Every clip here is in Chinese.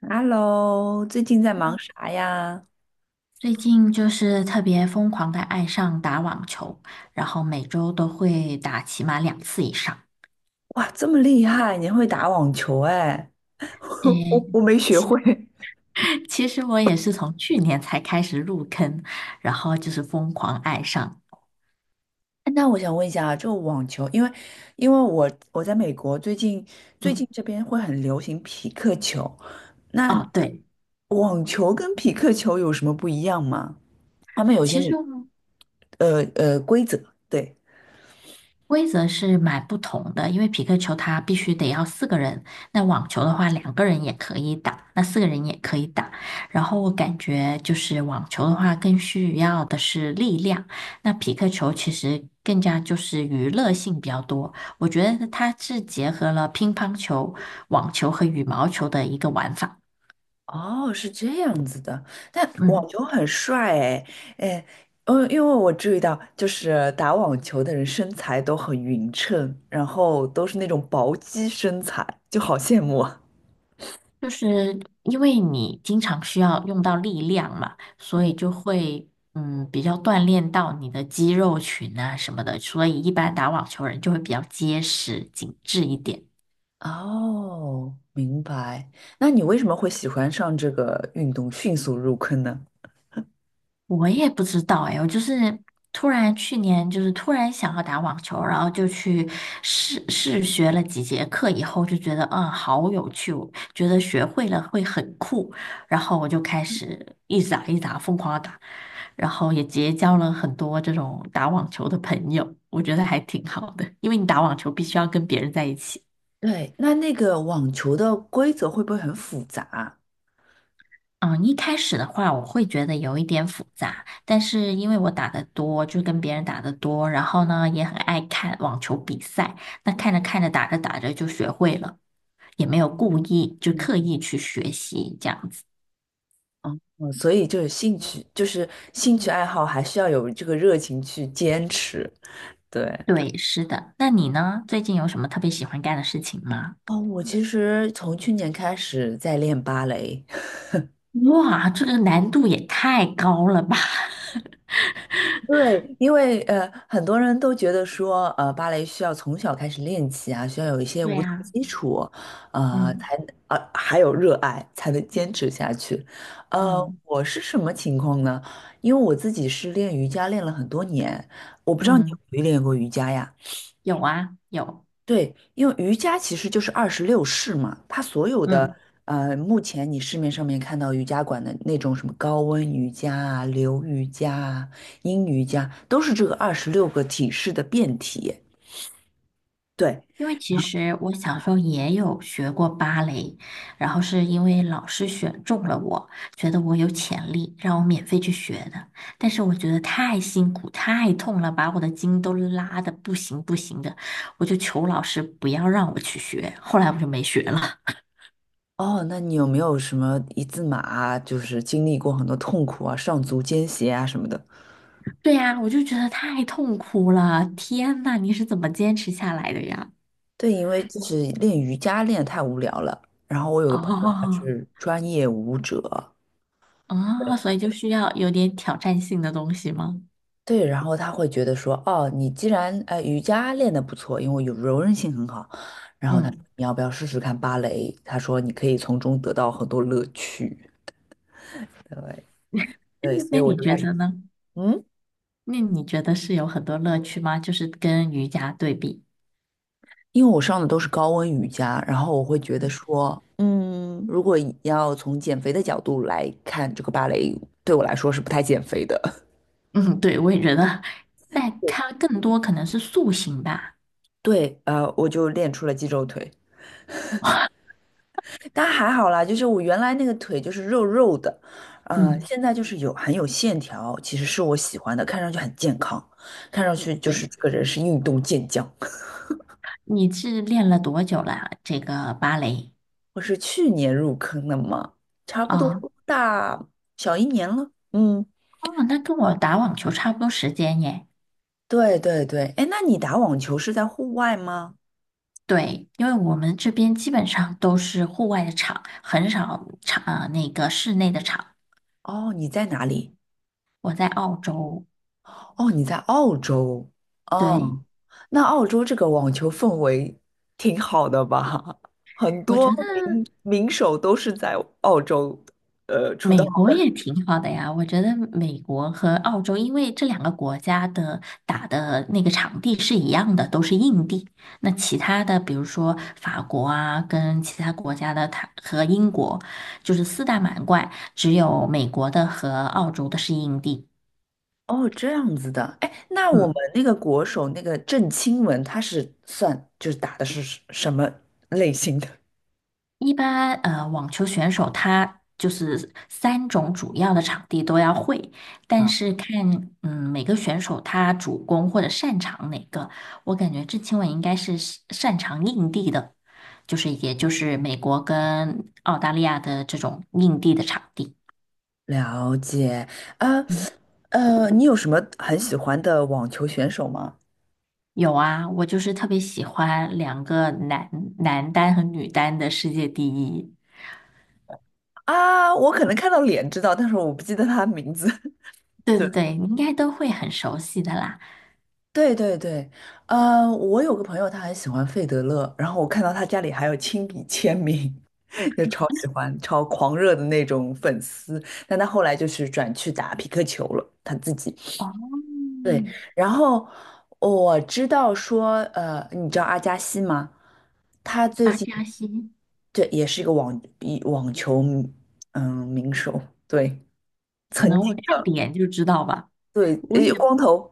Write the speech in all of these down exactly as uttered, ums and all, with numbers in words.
Hello，最近在忙啥呀？最近就是特别疯狂的爱上打网球，然后每周都会打起码两次以上。哇，这么厉害，你会打网球哎？我诶，我我没学会。其实我也是从去年才开始入坑，然后就是疯狂爱上。哎那我想问一下啊，就网球，因为因为我我在美国，最近最近嗯，这边会很流行匹克球，那哦，对，网球跟匹克球有什么不一样吗？他们有一些其实我呃呃规则，对。规则是蛮不同的，因为匹克球它必须得要四个人，那网球的话两个人也可以打，那四个人也可以打。然后我感觉就是网球的话更需要的是力量，那匹克球其实更加就是娱乐性比较多。我觉得它是结合了乒乓球、网球和羽毛球的一个玩法。哦，是这样子的，但网嗯。球很帅哎，哎，嗯，因为我注意到，就是打网球的人身材都很匀称，然后都是那种薄肌身材，就好羡慕啊。就是因为你经常需要用到力量嘛，所嗯，以就会嗯比较锻炼到你的肌肉群啊什么的，所以一般打网球人就会比较结实紧致一点。哦，明白。那你为什么会喜欢上这个运动，迅速入坑呢？我也不知道哎，我就是突然去年就是突然想要打网球，然后就去试试学了几节课以后，就觉得嗯好有趣，我觉得学会了会很酷，然后我就开始一直打一直打疯狂的打，然后也结交了很多这种打网球的朋友，我觉得还挺好的，因为你打网球必须要跟别人在一起。对，那那个网球的规则会不会很复杂？嗯，一开始的话，我会觉得有一点复杂，但是因为我打的多，就跟别人打的多，然后呢，也很爱看网球比赛，那看着看着，打着打着就学会了，也没有故意，就刻嗯，意去学习这样子。嗯所以就是兴趣，就是兴趣爱好，还需要有这个热情去坚持。对。对，是的。那你呢？最近有什么特别喜欢干的事情吗？哦，我其实从去年开始在练芭蕾，哇，这个难度也太高了吧！对，因为呃，很多人都觉得说，呃，芭蕾需要从小开始练起啊，需要有一 些对舞蹈呀，基础，呃，嗯才呃还有热爱才能坚持下去。呃，嗯我是什么情况呢？因为我自己是练瑜伽练了很多年，我不知道你有嗯，没有练过瑜伽呀？有啊，有，对，因为瑜伽其实就是二十六式嘛，它所有的嗯。呃，目前你市面上面看到瑜伽馆的那种什么高温瑜伽啊、流瑜伽啊、阴瑜伽，都是这个二十六个体式的变体。对，因为其实我小时候也有学过芭蕾，然后是因为老师选中了我，觉得我有潜力，让我免费去学的。但是我觉得太辛苦、太痛了，把我的筋都拉的不行不行的，我就求老师不要让我去学。后来我就没学了。哦，那你有没有什么一字马啊，就是经历过很多痛苦啊、上足尖鞋啊什么的？对呀，我就觉得太痛苦了。天呐，你是怎么坚持下来的呀？对，因为就是练瑜伽练得太无聊了，然后我有个朋友他哦，是专业舞者。哦，所以就需要有点挑战性的东西吗？对，然后他会觉得说，哦，你既然呃瑜伽练得不错，因为有柔韧性很好，然后他说嗯，你要不要试试看芭蕾？他说你可以从中得到很多乐趣。对对，所那以我你就开觉始，得呢？嗯，那你觉得是有很多乐趣吗？就是跟瑜伽对比，因为我上的都是高温瑜伽，然后我会觉得嗯说，嗯，如果以要从减肥的角度来看，这个芭蕾对我来说是不太减肥的。嗯，对，我也觉得，但它更多可能是塑形吧。对，呃，我就练出了肌肉腿。但还好啦，就是我原来那个腿就是肉肉的，呃，嗯，现在就是有很有线条，其实是我喜欢的，看上去很健康，看上去就是对，这个人是运动健将。你是练了多久了？这个芭蕾？我是去年入坑的嘛，差不多哦大小一年了。嗯，哦，那跟我打网球差不多时间耶。对对对，哎，那你打网球是在户外吗？对，因为我们这边基本上都是户外的场，很少场，呃，那个室内的场。哦，你在哪里？我在澳洲，哦，你在澳洲，对，哦，那澳洲这个网球氛围挺好的吧？很我多觉得。名名手都是在澳洲呃出道。美国也挺好的呀，我觉得美国和澳洲，因为这两个国家的打的那个场地是一样的，都是硬地。那其他的，比如说法国啊，跟其他国家的它和英国，就是四大满贯，只有美国的和澳洲的是硬地。哦，这样子的，哎，那我们嗯。那个国手那个郑钦文，他是算就是打的是什什么类型的？一般呃，网球选手他就是三种主要的场地都要会，啊， 但是看嗯每个选手他主攻或者擅长哪个，我感觉郑钦文应该是擅擅长硬地的，就是也就是美国跟澳大利亚的这种硬地的场地。了解，啊，嗯呃，你有什么很喜欢的网球选手吗？有啊，我就是特别喜欢两个男男单和女单的世界第一。啊，我可能看到脸知道，但是我不记得他的名字。对对。对对，你应该都会很熟悉的啦。对对对，呃，我有个朋友他很喜欢费德勒，然后我看到他家里还有亲笔签名，就超喜欢、超狂热的那种粉丝。但他后来就是转去打匹克球了，他自己。哦，对，然后我知道说，呃，你知道阿加西吗？他最巴近加西。这也是一个网一网球嗯名手，对，可曾能我经看脸就知道吧。对，我也呃光头，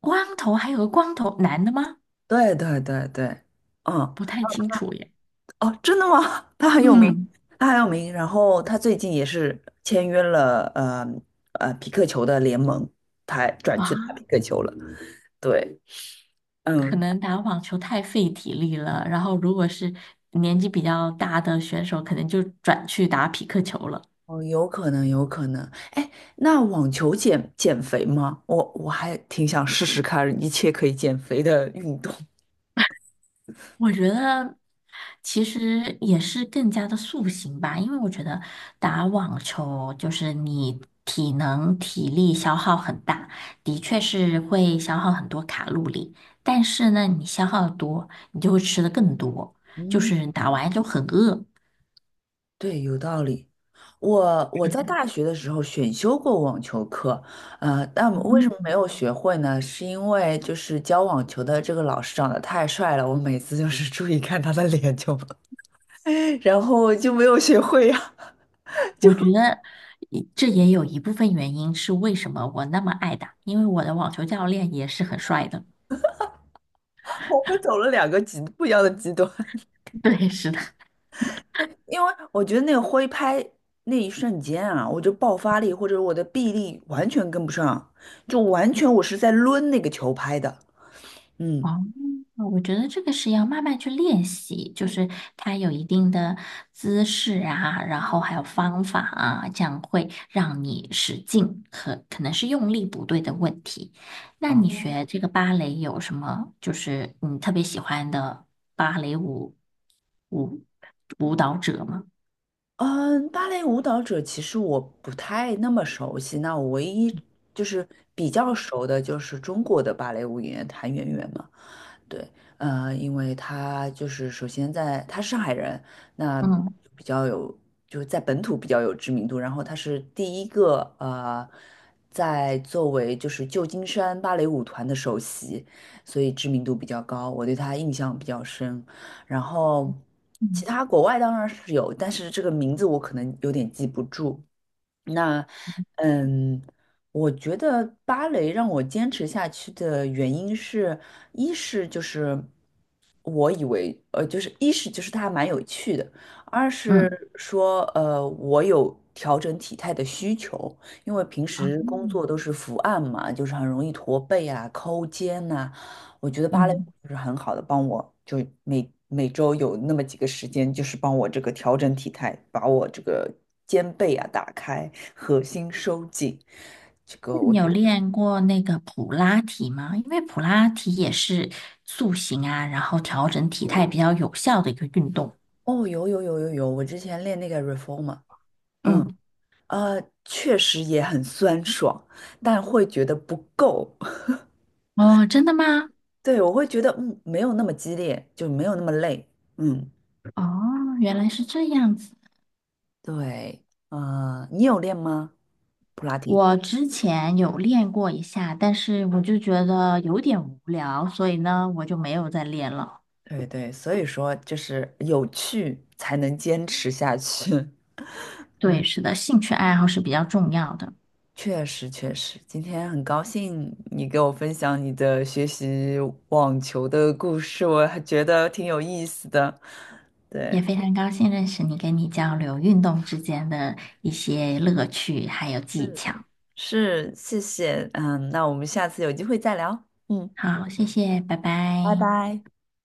光头，还有个光头男的吗？对对对对，嗯。不太清楚耶。哦，真的吗？他很有名，嗯，他很有名。然后他最近也是签约了，呃呃，匹克球的联盟，他转去打匹啊，克球了。对，可嗯，能打网球太费体力了，然后如果是年纪比较大的选手，可能就转去打匹克球了。哦，有可能，有可能。哎，那网球减减肥吗？我我还挺想试试看一切可以减肥的运动。我觉得其实也是更加的塑形吧，因为我觉得打网球就是你体能体力消耗很大，的确是会消耗很多卡路里，但是呢，你消耗得多，你就会吃的更多，就嗯，是打完就很饿。对，有道理。我我在大学的时候选修过网球课，呃，但我为什么没嗯有学会呢？是因为就是教网球的这个老师长得太帅了，我每次就是 注意看他的脸就，然后就没有学会呀、我觉得一这也有一部分原因是为什么我那么爱打，因为我的网球教练也是很帅的。我们走了两个极不一样的极端，对，是的。因为我觉得那个挥拍那一瞬间啊，我就爆发力或者我的臂力完全跟不上，就完全我是在抡那个球拍的，嗯。哦，我觉得这个是要慢慢去练习，就是它有一定的姿势啊，然后还有方法啊，这样会让你使劲，可可能是用力不对的问题。那你嗯学这个芭蕾有什么，就是你特别喜欢的芭蕾舞舞舞蹈者吗？嗯，芭蕾舞蹈者其实我不太那么熟悉，那我唯一就是比较熟的就是中国的芭蕾舞演员谭元元嘛。对，呃，因为他就是首先在他是上海人，那嗯比较有就是在本土比较有知名度，然后他是第一个呃，在作为就是旧金山芭蕾舞团的首席，所以知名度比较高，我对他印象比较深。然后其嗯他国外当然是有，但是这个名字我可能有点记不住。那，嗯，我觉得芭蕾让我坚持下去的原因是，一是就是我以为，呃，就是一是就是它蛮有趣的，二是嗯说，呃，我有调整体态的需求，因为平时工嗯。作都是伏案嘛，就是很容易驼背啊、抠肩呐、我觉得芭蕾舞嗯就是很好的帮我，就每每周有那么几个时间，就是帮我这个调整体态，把我这个肩背啊打开，核心收紧。这那个我你觉有得，练过那个普拉提吗？因为普拉提也是塑形啊，然后调整体态比较有效的一个运动。哦，有有有有有，我之前练那个 reformer，嗯，嗯，呃，确实也很酸爽，但会觉得不够。哦，真的吗？对，我会觉得，嗯，没有那么激烈，就没有那么累。嗯，哦，原来是这样子。对，呃，你有练吗？普拉提？我之前有练过一下，但是我就觉得有点无聊，所以呢，我就没有再练了。对对，所以说就是有趣才能坚持下去。对，是的，兴趣爱好是比较重要的。确实确实，今天很高兴你给我分享你的学习网球的故事，我还觉得挺有意思的。也对，非常高兴认识你，跟你交流运动之间的一些乐趣还有技巧。是，谢谢，嗯，那我们下次有机会再聊，嗯，好，谢谢，拜拜拜。拜。